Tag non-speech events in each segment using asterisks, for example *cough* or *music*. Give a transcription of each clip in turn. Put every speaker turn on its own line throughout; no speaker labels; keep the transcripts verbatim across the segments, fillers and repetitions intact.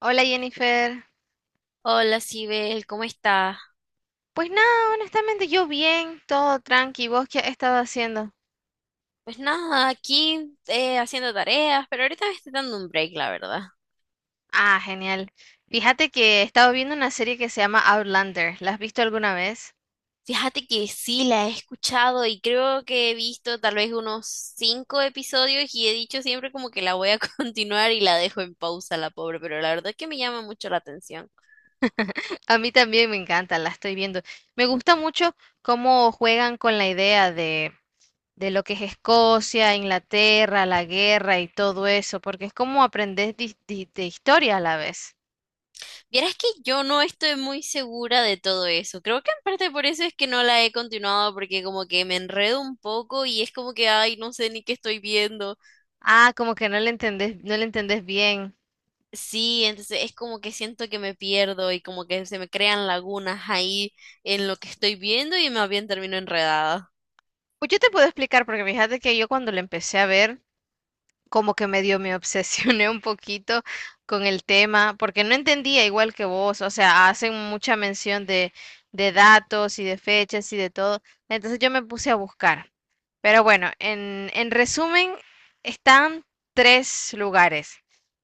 Hola Jennifer.
Hola, Sibel, ¿cómo está?
Pues nada, honestamente yo bien, todo tranqui. ¿Vos qué has estado haciendo?
Pues nada, aquí eh, haciendo tareas, pero ahorita me estoy dando un break, la verdad.
Ah, genial. Fíjate que he estado viendo una serie que se llama Outlander. ¿La has visto alguna vez?
Fíjate que sí, la he escuchado y creo que he visto tal vez unos cinco episodios y he dicho siempre como que la voy a *laughs* continuar y la dejo en pausa, la pobre, pero la verdad es que me llama mucho la atención.
*clears throat* *laughs* A mí también me encanta, la estoy viendo. Me gusta mucho cómo juegan con la idea de, de lo que es Escocia, Inglaterra, la guerra y todo eso, porque es como aprendés dis- di- de historia a la vez.
Vieras que yo no estoy muy segura de todo eso. Creo que en parte por eso es que no la he continuado porque como que me enredo un poco y es como que, ay, no sé ni qué estoy viendo.
Ah, como que no le entendés, no le entendés bien.
Sí, entonces es como que siento que me pierdo y como que se me crean lagunas ahí en lo que estoy viendo y más bien termino enredada.
Pues yo te puedo explicar, porque fíjate que yo cuando lo empecé a ver, como que medio me obsesioné un poquito con el tema, porque no entendía igual que vos, o sea, hacen mucha mención de, de datos y de fechas y de todo, entonces yo me puse a buscar. Pero bueno, en, en resumen, están tres lugares.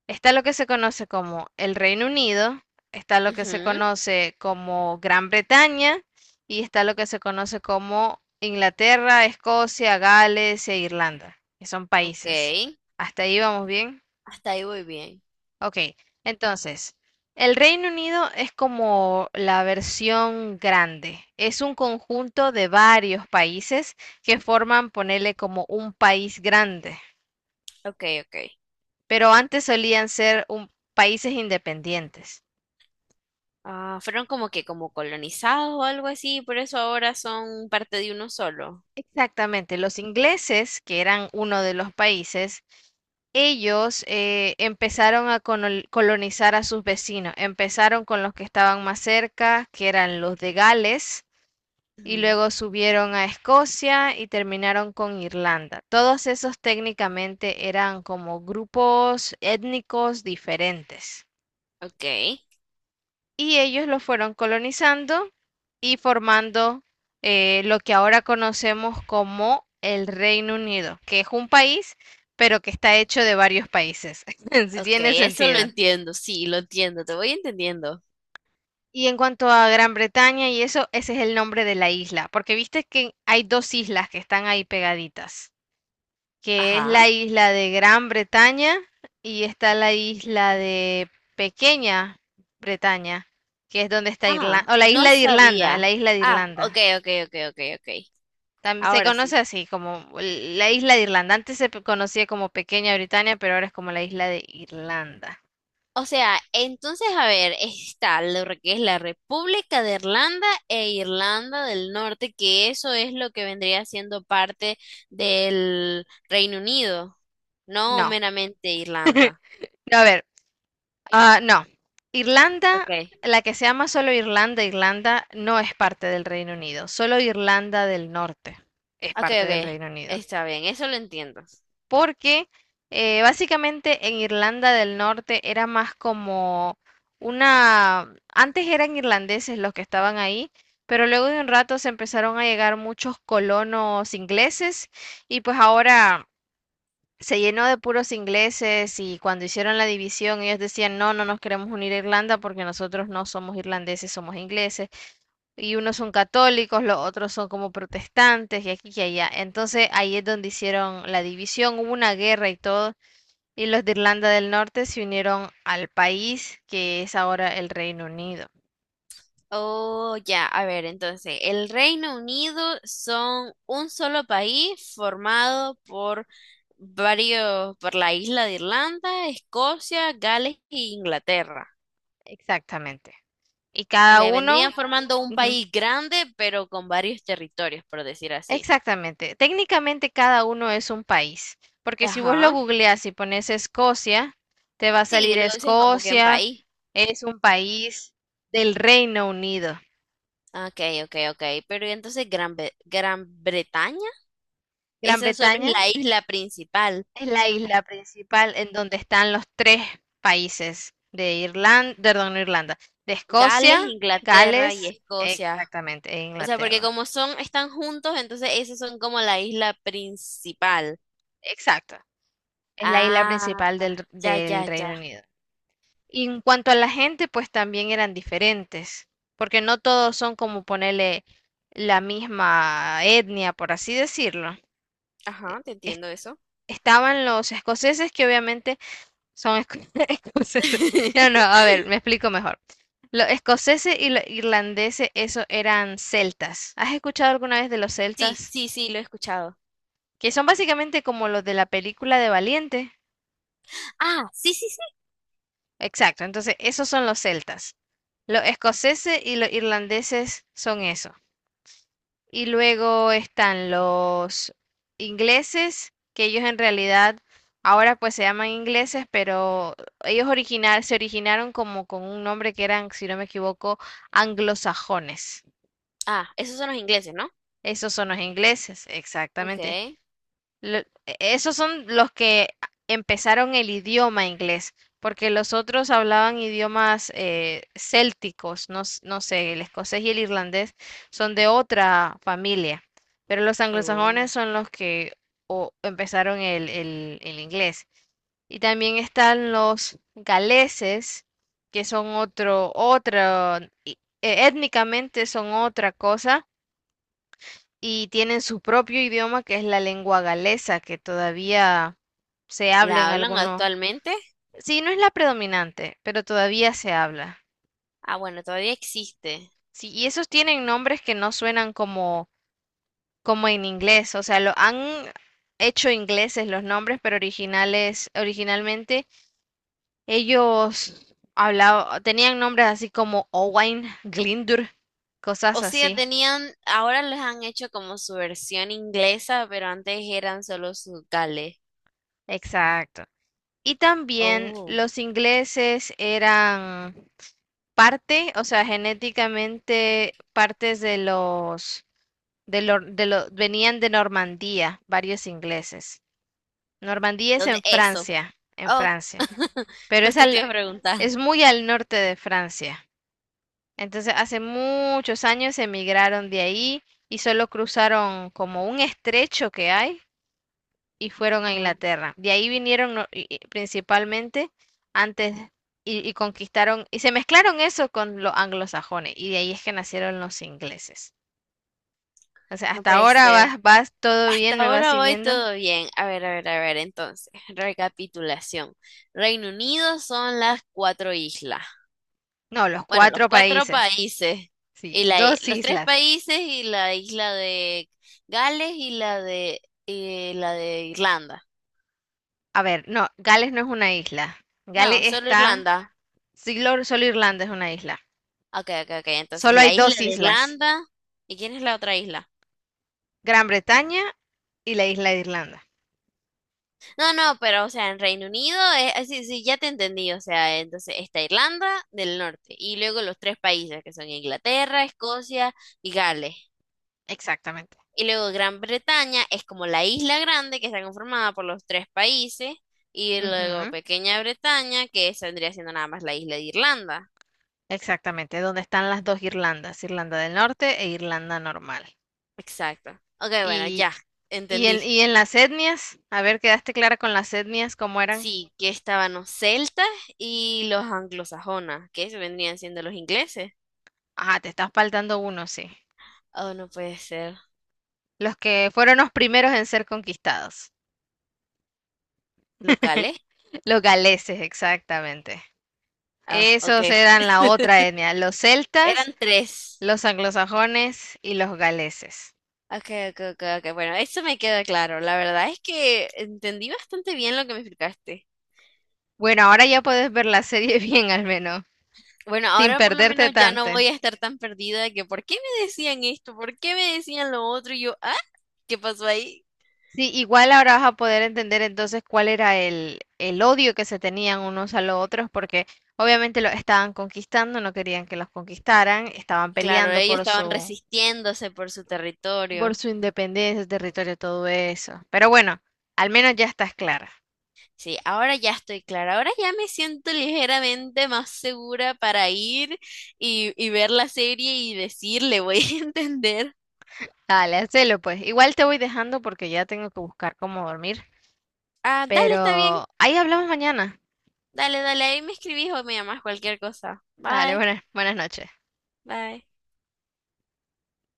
Está lo que se conoce como el Reino Unido, está lo que se
Ujú.
conoce como Gran Bretaña y está lo que se conoce como Inglaterra, Escocia, Gales e Irlanda, que son
Ok,
países. Hasta ahí vamos bien.
hasta ahí voy bien.
Ok, entonces, el Reino Unido es como la versión grande. Es un conjunto de varios países que forman, ponerle como un país grande,
Ok, ok.
pero antes solían ser un- países independientes.
Ah, fueron como que como colonizados o algo así, por eso ahora son parte de uno solo.
Exactamente, los ingleses, que eran uno de los países, ellos eh, empezaron a conol- colonizar a sus vecinos. Empezaron con los que estaban más cerca, que eran los de Gales, y
Ujú.
luego subieron a Escocia y terminaron con Irlanda. Todos esos técnicamente eran como grupos étnicos diferentes
Ok,
y ellos los fueron colonizando y formando eh, lo que ahora conocemos como el Reino Unido, que es un país, pero que está hecho de varios países, *laughs* si
ok,
tiene
eso lo
sentido.
entiendo, sí, lo entiendo, te voy entendiendo.
Y en cuanto a Gran Bretaña y eso, ese es el nombre de la isla, porque viste que hay dos islas que están ahí pegaditas, que es
Ajá.
la isla de Gran Bretaña y está la isla de Pequeña Bretaña, que es donde está
Ah,
Irlanda, o la isla
no
de Irlanda,
sabía.
la isla de
Ah, ok,
Irlanda.
ok, ok, ok, ok.
También se
Ahora sí.
conoce así como la isla de Irlanda. Antes se pe- conocía como Pequeña Britania, pero ahora es como la isla de Irlanda.
O sea, entonces, a ver, está lo que es la República de Irlanda e Irlanda del Norte, que eso es lo que vendría siendo parte del Reino Unido, no
No,
meramente Irlanda.
no, a ver, ah, no.
Ok,
Irlanda, la que se llama solo Irlanda, Irlanda, no es parte del Reino Unido. Solo Irlanda del Norte es
ok,
parte del
ok,
Reino Unido.
está bien, eso lo entiendo.
Porque eh, básicamente en Irlanda del Norte era más como una... Antes eran irlandeses los que estaban ahí, pero luego de un rato se empezaron a llegar muchos colonos ingleses y pues ahora se llenó de puros ingleses y cuando hicieron la división ellos decían, no, no nos queremos unir a Irlanda porque nosotros no somos irlandeses, somos ingleses. Y unos son católicos, los otros son como protestantes y aquí y allá. Entonces ahí es donde hicieron la división, hubo una guerra y todo. Y los de Irlanda del Norte se unieron al país que es ahora el Reino Unido.
Oh, ya, a ver, entonces, el Reino Unido son un solo país formado por varios, por la isla de Irlanda, Escocia, Gales e Inglaterra.
Exactamente. Y
O
cada
sea, vendrían
uno...
formando un
ujú.
país grande, pero con varios territorios, por decir así.
Exactamente. Técnicamente cada uno es un país, porque si vos lo
Ajá.
googleás y pones Escocia, te va a
Sí,
salir
lo dicen como que un
Escocia,
país.
es un país del Reino Unido.
Ok, ok, ok. Pero ¿y entonces Gran, Bre- Gran Bretaña,
Gran
esa solo
Bretaña
es la isla principal?
es la isla principal en donde están los tres países de Irlanda, perdón, no Irlanda, de
Gales,
Escocia,
Inglaterra y
Gales,
Escocia.
exactamente, e
O sea, porque
Inglaterra.
como son, están juntos, entonces esas son como la isla principal.
Exacto. Es la isla
Ah,
principal del,
ya,
del
ya,
Reino
ya.
Unido. Y en cuanto a la gente, pues también eran diferentes, porque no todos son como ponerle la misma etnia, por así decirlo.
Ajá, te
Es-
entiendo eso.
Estaban los escoceses que obviamente son esco- *laughs* escoceses. No, no,
*laughs*
a ver, me explico mejor. Los escoceses y los irlandeses, esos eran celtas. ¿Has escuchado alguna vez de los
Sí,
celtas?
sí, sí, lo he escuchado.
Que son básicamente como los de la película de Valiente.
Ah, sí, sí, sí.
Exacto, entonces esos son los celtas. Los escoceses y los irlandeses son eso. Y luego están los ingleses, que ellos en realidad ahora pues se llaman ingleses, pero ellos originar, se originaron como con un nombre que eran, si no me equivoco, anglosajones.
Ah, esos son los ingleses, ¿no?
Esos son los ingleses, exactamente.
Okay.
Lo- e, esos son los que empezaron el idioma inglés, porque los otros hablaban idiomas eh, célticos, no, s- no sé, el escocés y el irlandés son de otra familia, pero los
Oh.
anglosajones son los que o- empezaron el, el el inglés. Y también están los galeses, que son otro, otra, étnicamente son otra cosa, y tienen su propio idioma que es la lengua galesa, que todavía se habla
¿La
en
hablan
algunos.
actualmente?
Sí, no es la predominante, pero todavía se habla.
Ah, bueno, todavía existe.
Sí, y esos tienen nombres que no suenan como, como en inglés, o sea, lo han hecho ingleses los nombres, pero originales, originalmente ellos hablaban, tenían nombres así como Owain, Glindur, cosas
O sea,
así.
tenían, ahora les han hecho como su versión inglesa, pero antes eran solo sus gales.
Exacto. Y también
Oh.
los ingleses eran parte, o sea, genéticamente partes de los, de lo- de lo- venían de Normandía, varios ingleses. Normandía es
¿Dónde
en
eso?
Francia, en
Oh,
Francia,
*laughs*
pero es
justo te
al,
iba a preguntar.
es muy al norte de Francia. Entonces, hace muchos años emigraron de ahí y solo cruzaron como un estrecho que hay y fueron a
Ah,
Inglaterra. De ahí vinieron no- y- y principalmente antes y, y conquistaron, y se mezclaron eso con los anglosajones, y de ahí es que nacieron los ingleses. O sea,
no
hasta
puede
ahora
ser.
vas, vas todo
Hasta
bien, me vas
ahora voy
siguiendo.
todo bien. A ver, a ver, a ver, entonces, recapitulación. Reino Unido son las cuatro islas.
No, los
Bueno, los
cuatro
cuatro
países,
países
sí,
y la, i-
dos
los tres
islas.
países y la isla de Gales y la de y la de Irlanda.
A ver, no, Gales no es una isla. Gales
No, solo
está,
Irlanda.
solo, solo Irlanda es una isla.
Ok, ok, ok. Entonces,
Solo hay
la isla
dos
de
islas,
Irlanda. ¿Y quién es la otra isla?
Gran Bretaña y la isla de Irlanda.
No, no, pero o sea, en Reino Unido es así, sí, sí, ya te entendí. O sea, entonces está Irlanda del Norte y luego los tres países que son Inglaterra, Escocia y Gales.
Exactamente.
Y luego Gran Bretaña es como la isla grande que está conformada por los tres países. Y luego
Ujú.
Pequeña Bretaña, que esa vendría siendo nada más la isla de Irlanda.
Exactamente, donde están las dos Irlandas, Irlanda del Norte e Irlanda normal.
Exacto. Ok, bueno,
Y,
ya,
y, en,
entendí.
y en las etnias, a ver, ¿quedaste clara con las etnias cómo eran?
Sí, que estaban los celtas y los anglosajonas, que eso vendrían siendo los ingleses.
Ah, te estás faltando uno, sí.
Oh, no puede ser.
Los que fueron los primeros en ser conquistados.
¿Locales?
Los galeses, exactamente.
Ah, ok.
Esos eran la
*laughs*
otra etnia, los celtas,
Eran tres.
los anglosajones y los galeses.
Ok, ok, ok, ok. Bueno, eso me queda claro. La verdad es que entendí bastante bien lo que me explicaste.
Bueno, ahora ya puedes ver la serie *laughs* bien al menos,
Bueno,
sin
ahora por lo
perderte
menos ya
tanto.
no voy a estar tan perdida de que ¿por qué me decían esto? ¿Por qué me decían lo otro? Y yo, ah, ¿qué pasó ahí?
Sí, igual ahora vas a poder entender entonces cuál era el, el odio que se tenían unos a los otros, porque obviamente los estaban conquistando, no querían que los conquistaran, estaban
Claro,
peleando
ellos
por
estaban
su,
resistiéndose por su
por
territorio.
su independencia, su territorio, todo eso. Pero bueno, al menos ya estás clara.
Sí, ahora ya estoy clara. Ahora ya me siento ligeramente más segura para ir y, y ver la serie y decirle, voy a *laughs* entender.
Dale, hacelo pues. Igual te voy dejando porque ya tengo que buscar cómo dormir,
Ah, dale, está bien.
pero ahí hablamos mañana.
Dale, dale, ahí me escribís o me llamás cualquier cosa.
Dale,
Bye,
buenas, buenas noches.
bye.